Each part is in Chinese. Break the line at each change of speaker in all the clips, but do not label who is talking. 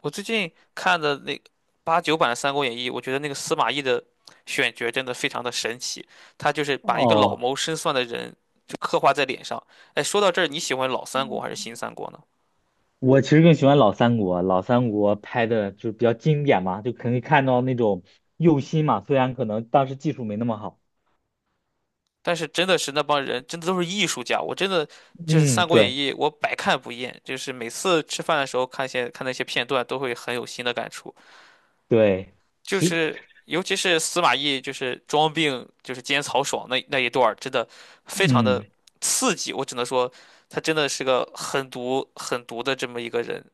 我最近看的那八九版的《三国演义》，我觉得那个司马懿的选角真的非常的神奇，他就是把一个老
哦，
谋深算的人就刻画在脸上。哎，说到这儿，你喜欢老三国还是新三国呢？
我其实更喜欢老三国，老三国拍的就是比较经典嘛，就可以看到那种用心嘛，虽然可能当时技术没那么好。
但是真的是那帮人真的都是艺术家，我真的就是
嗯，
《三国演
对
义》，我百看不厌，就是每次吃饭的时候看些看那些片段，都会很有新的感触。
对，
就
其
是尤其是司马懿就是装病就是奸曹爽那一段儿，真的非常的
嗯
刺激。我只能说，他真的是个狠毒狠毒的这么一个人。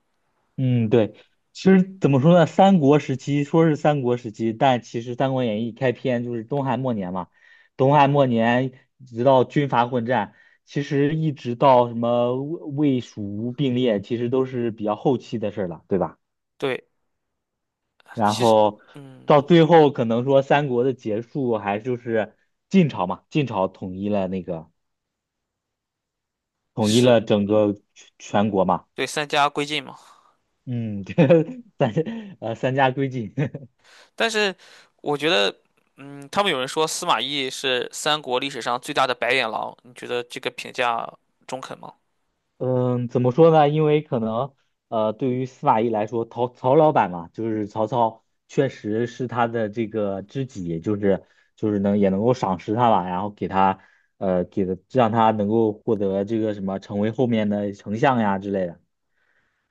嗯对，其实怎么说呢，三国时期说是三国时期，但其实《三国演义》开篇就是东汉末年嘛，东汉末年直到军阀混战，其实一直到什么魏蜀吴并列，其实都是比较后期的事儿了，对吧？
对，
然
其实
后
嗯
到最后可能说三国的结束还就是晋朝嘛，晋朝统一了那个统一
是
了整个全国嘛，
对三家归晋嘛。
嗯，三三家归晋，
但是我觉得他们有人说司马懿是三国历史上最大的白眼狼，你觉得这个评价中肯吗？
嗯，怎么说呢？因为可能对于司马懿来说，曹老板嘛，就是曹操确实是他的这个知己，就是能也能够赏识他吧，然后给他给的让他能够获得这个什么成为后面的丞相呀之类的。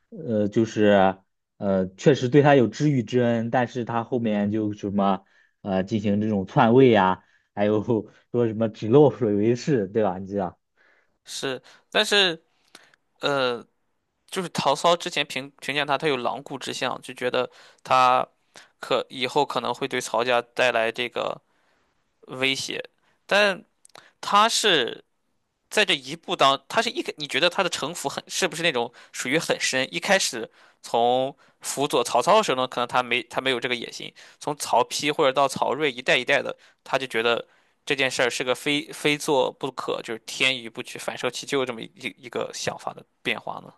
呃，就是确实对他有知遇之恩，但是他后面就什么进行这种篡位呀、还有 说什么指鹿为马，对吧？你知道。
是。但是呃，就是曹操之前评价他，他有狼顾之相，就觉得他可以后可能会对曹家带来这个威胁。但他是在这一步当，他是一个你觉得他的城府很，是不是那种属于很深？一开始从辅佐曹操的时候呢，可能他没有这个野心，从曹丕或者到曹睿一代一代的，他就觉得这件事儿是个非做不可，就是天与不取，反受其咎这么一个想法的变化呢？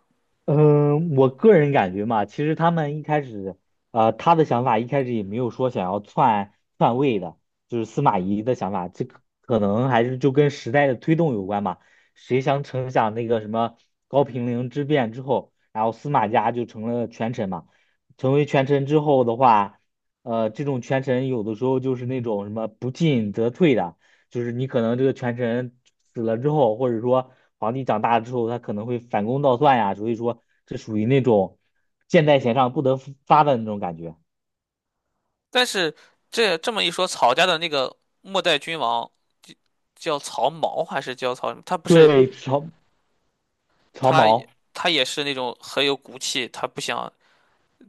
嗯，我个人感觉嘛，其实他们一开始，他的想法一开始也没有说想要篡位的，就是司马懿的想法，这个可能还是就跟时代的推动有关嘛。谁想成想那个什么高平陵之变之后，然后司马家就成了权臣嘛。成为权臣之后的话，这种权臣有的时候就是那种什么不进则退的，就是你可能这个权臣死了之后，或者说皇帝长大之后，他可能会反攻倒算呀，所以说这属于那种箭在弦上不得不发的那种感觉。
但是这么一说，曹家的那个末代君王叫曹髦还是叫曹什么？他不是
对，曹
他也
毛，
他也是那种很有骨气，他不想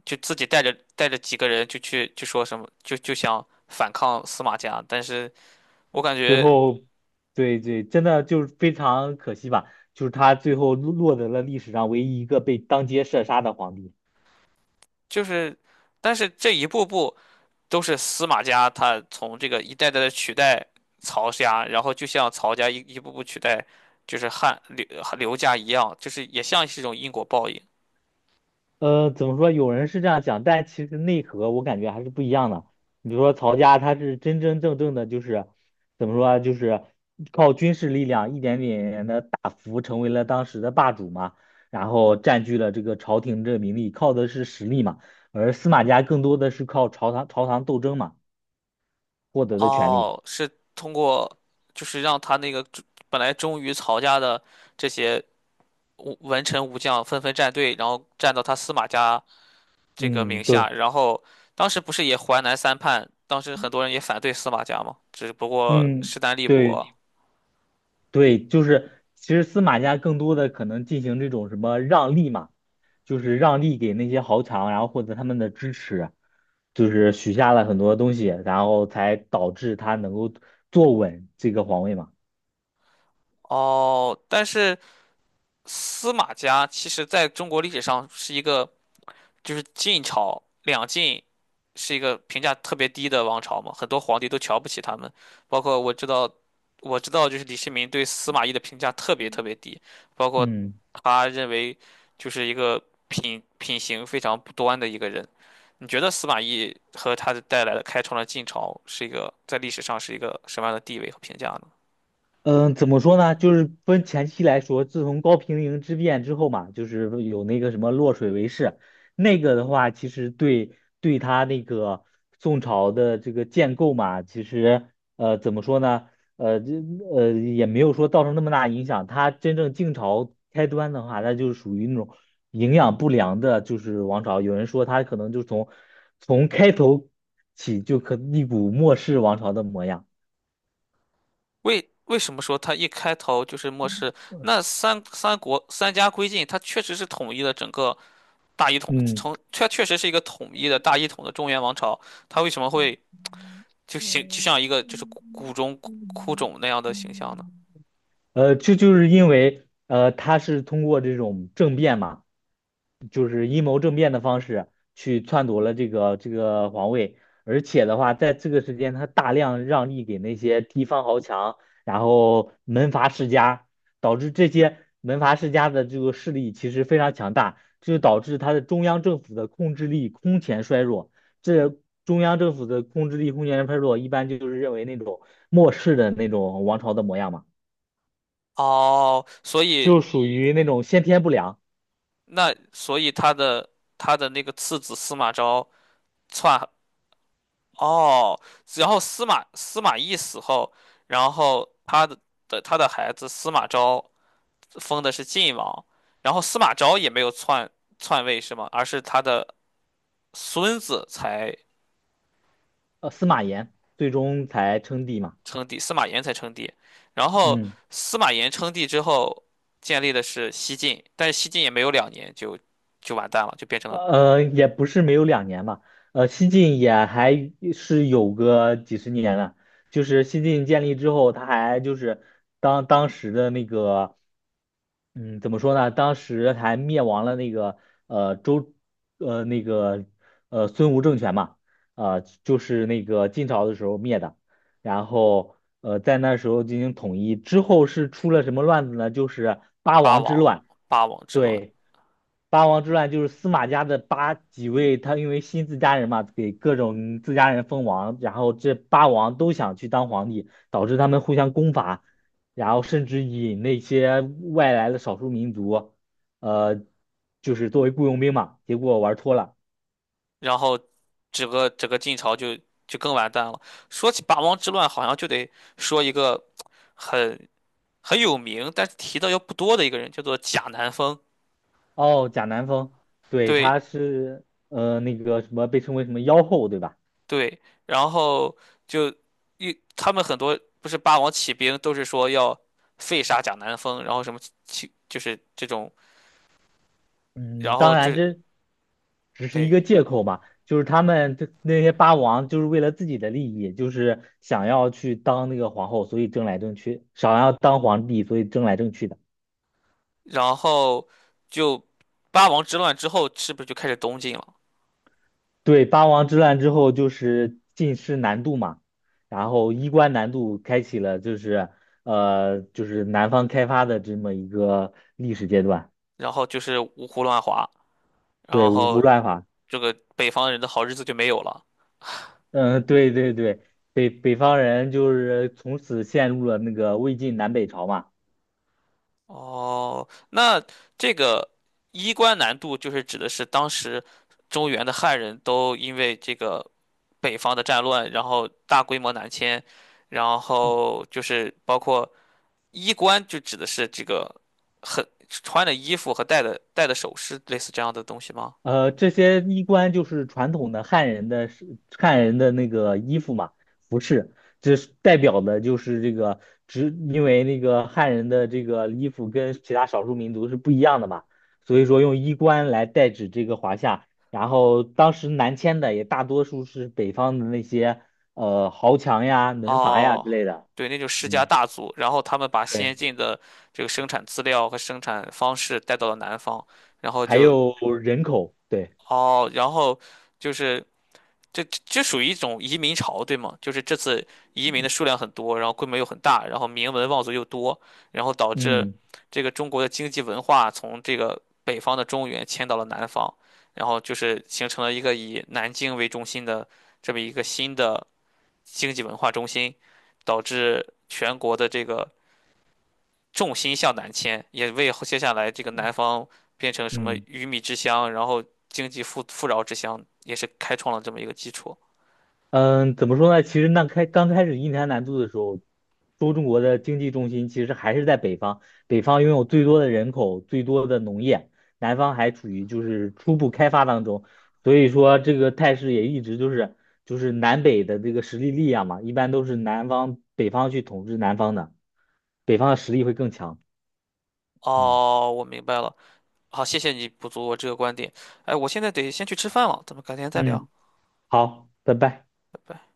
就自己带着几个人就去就说什么就想反抗司马家，但是我感
最
觉
后，对对，真的就是非常可惜吧，就是他最后落得了历史上唯一一个被当街射杀的皇帝。
就是。但是这一步步都是司马家他从这个一代代的取代曹家，然后就像曹家一步步取代就是汉刘家一样，就是也像是一种因果报应。
怎么说？有人是这样讲，但其实内核我感觉还是不一样的。你比如说曹家，他是真真正正的，就是怎么说啊就是靠军事力量一点点的大幅成为了当时的霸主嘛，然后占据了这个朝廷这个名利，靠的是实力嘛。而司马家更多的是靠朝堂斗争嘛获得的权利。
哦，是通过就是让他那个本来忠于曹家的这些武文臣武将纷纷站队，然后站到他司马家这个
嗯，
名下。
对，
然后当时不是也淮南三叛，当时很多人也反对司马家嘛，只不过
嗯，
势单力薄。
对对，就是其实司马家更多的可能进行这种什么让利嘛。就是让利给那些豪强，然后获得他们的支持，就是许下了很多东西，然后才导致他能够坐稳这个皇位嘛。
哦，但是司马家其实在中国历史上是一个，就是晋朝两晋是一个评价特别低的王朝嘛，很多皇帝都瞧不起他们。包括我知道，我知道就是李世民对司马懿的评价特别特
嗯，
别低，包括
嗯
他认为就是一个品行非常不端的一个人。你觉得司马懿和他的带来的开创了晋朝是一个在历史上是一个什么样的地位和评价呢？
嗯，怎么说呢？就是分前期来说，自从高平陵之变之后嘛，就是有那个什么洛水为誓，那个的话，其实对他那个宋朝的这个建构嘛，其实怎么说呢？呃，这也没有说造成那么大影响。他真正晋朝开端的话，那就是属于那种营养不良的，就是王朝。有人说他可能就从开头起就可一股末世王朝的模样。
为什么说他一开头就是漠视，那三国三家归晋，他确实是统一了整个大一统。
嗯。
确实是一个统一的大一统的中原王朝，它为什么会就形就像一个就是谷中枯冢那样的形象呢？
这就是因为他是通过这种政变嘛，就是阴谋政变的方式去篡夺了这个这个皇位，而且的话，在这个时间，他大量让利给那些地方豪强，然后门阀世家，导致这些门阀世家的这个势力其实非常强大，这就导致他的中央政府的控制力空前衰弱。这中央政府的控制力空前衰弱，一般就是认为那种末世的那种王朝的模样嘛。
哦，
就属于那种先天不良，
所以他的那个次子司马昭篡，哦，然后司马懿死后，然后他的，的他的孩子司马昭封的是晋王。然后司马昭也没有篡位是吗？而是他的孙子才
司马炎，最终才称帝嘛。
称帝，司马炎才称帝。然后
嗯，
司马炎称帝之后，建立的是西晋，但是西晋也没有两年就完蛋了，就变成了
也不是没有两年吧，西晋也还是有个几十年了。就是西晋建立之后，他还就是当时的那个，嗯，怎么说呢？当时还灭亡了那个呃周，呃那个孙吴政权嘛，就是那个晋朝的时候灭的。然后在那时候进行统一之后是出了什么乱子呢？就是八
八
王之
王
乱。
八王之乱。
对，八王之乱就是司马家的八几位，他因为新自家人嘛，给各种自家人封王，然后这八王都想去当皇帝，导致他们互相攻伐，然后甚至引那些外来的少数民族，呃，就是作为雇佣兵嘛，结果玩脱了。
然后整个晋朝就更完蛋了。说起八王之乱，好像就得说一个很很有名，但是提到又不多的一个人，叫做贾南风。
哦，贾南风，对，
对，
他是那个什么被称为什么妖后，对吧？
对。然后就他们很多不是八王起兵都是说要废杀贾南风，然后什么起就是这种。
嗯，
然后
当
就
然
是
这只是一
哎，
个借口嘛，就是他们这那些八王就是为了自己的利益，就是想要去当那个皇后，所以争来争去，想要当皇帝，所以争来争去的。
然后就八王之乱之后是不是就开始东晋了？
对，八王之乱之后就是进士南渡嘛，然后衣冠南渡开启了就是就是南方开发的这么一个历史阶段。
然后就是五胡乱华，
对，
然
五胡
后
乱华。
这个北方人的好日子就没有了。
嗯，对对对，北方人就是从此陷入了那个魏晋南北朝嘛。
哦，那这个衣冠南渡就是指的是当时中原的汉人都因为这个北方的战乱，然后大规模南迁，然后就是包括衣冠，就指的是这个很穿的衣服和戴的首饰，类似这样的东西吗？
这些衣冠就是传统的汉人的汉人的那个衣服嘛，服饰，这是代表的就是这个，只因为那个汉人的这个衣服跟其他少数民族是不一样的嘛，所以说用衣冠来代指这个华夏。然后当时南迁的也大多数是北方的那些豪强呀、门阀呀
哦，
之类的。
对，那就世家
嗯，
大族，然后他们把先
对。
进的这个生产资料和生产方式带到了南方。然后
还有人口，对，
哦，然后就是这属于一种移民潮，对吗？就是这次移民的数量很多，然后规模又很大，然后名门望族又多，然后导致
嗯
这个中国的经济文化从这个北方的中原迁到了南方，然后就是形成了一个以南京为中心的这么一个新的经济文化中心，导致全国的这个重心向南迁，也为接下来这个南方变成什么
嗯
鱼米之乡，然后经济富饶之乡，也是开创了这么一个基础。
嗯，怎么说呢？其实那开刚开始印太南渡的时候，中国的经济重心其实还是在北方，北方拥有最多的人口，最多的农业，南方还处于就是初步开发当中，所以说这个态势也一直就是就是南北的这个实力嘛，一般都是南方北方去统治南方的，北方的实力会更强。嗯
哦，我明白了。好，谢谢你补足我这个观点。哎，我现在得先去吃饭了，咱们改天再聊。
嗯，好，拜拜。
拜拜。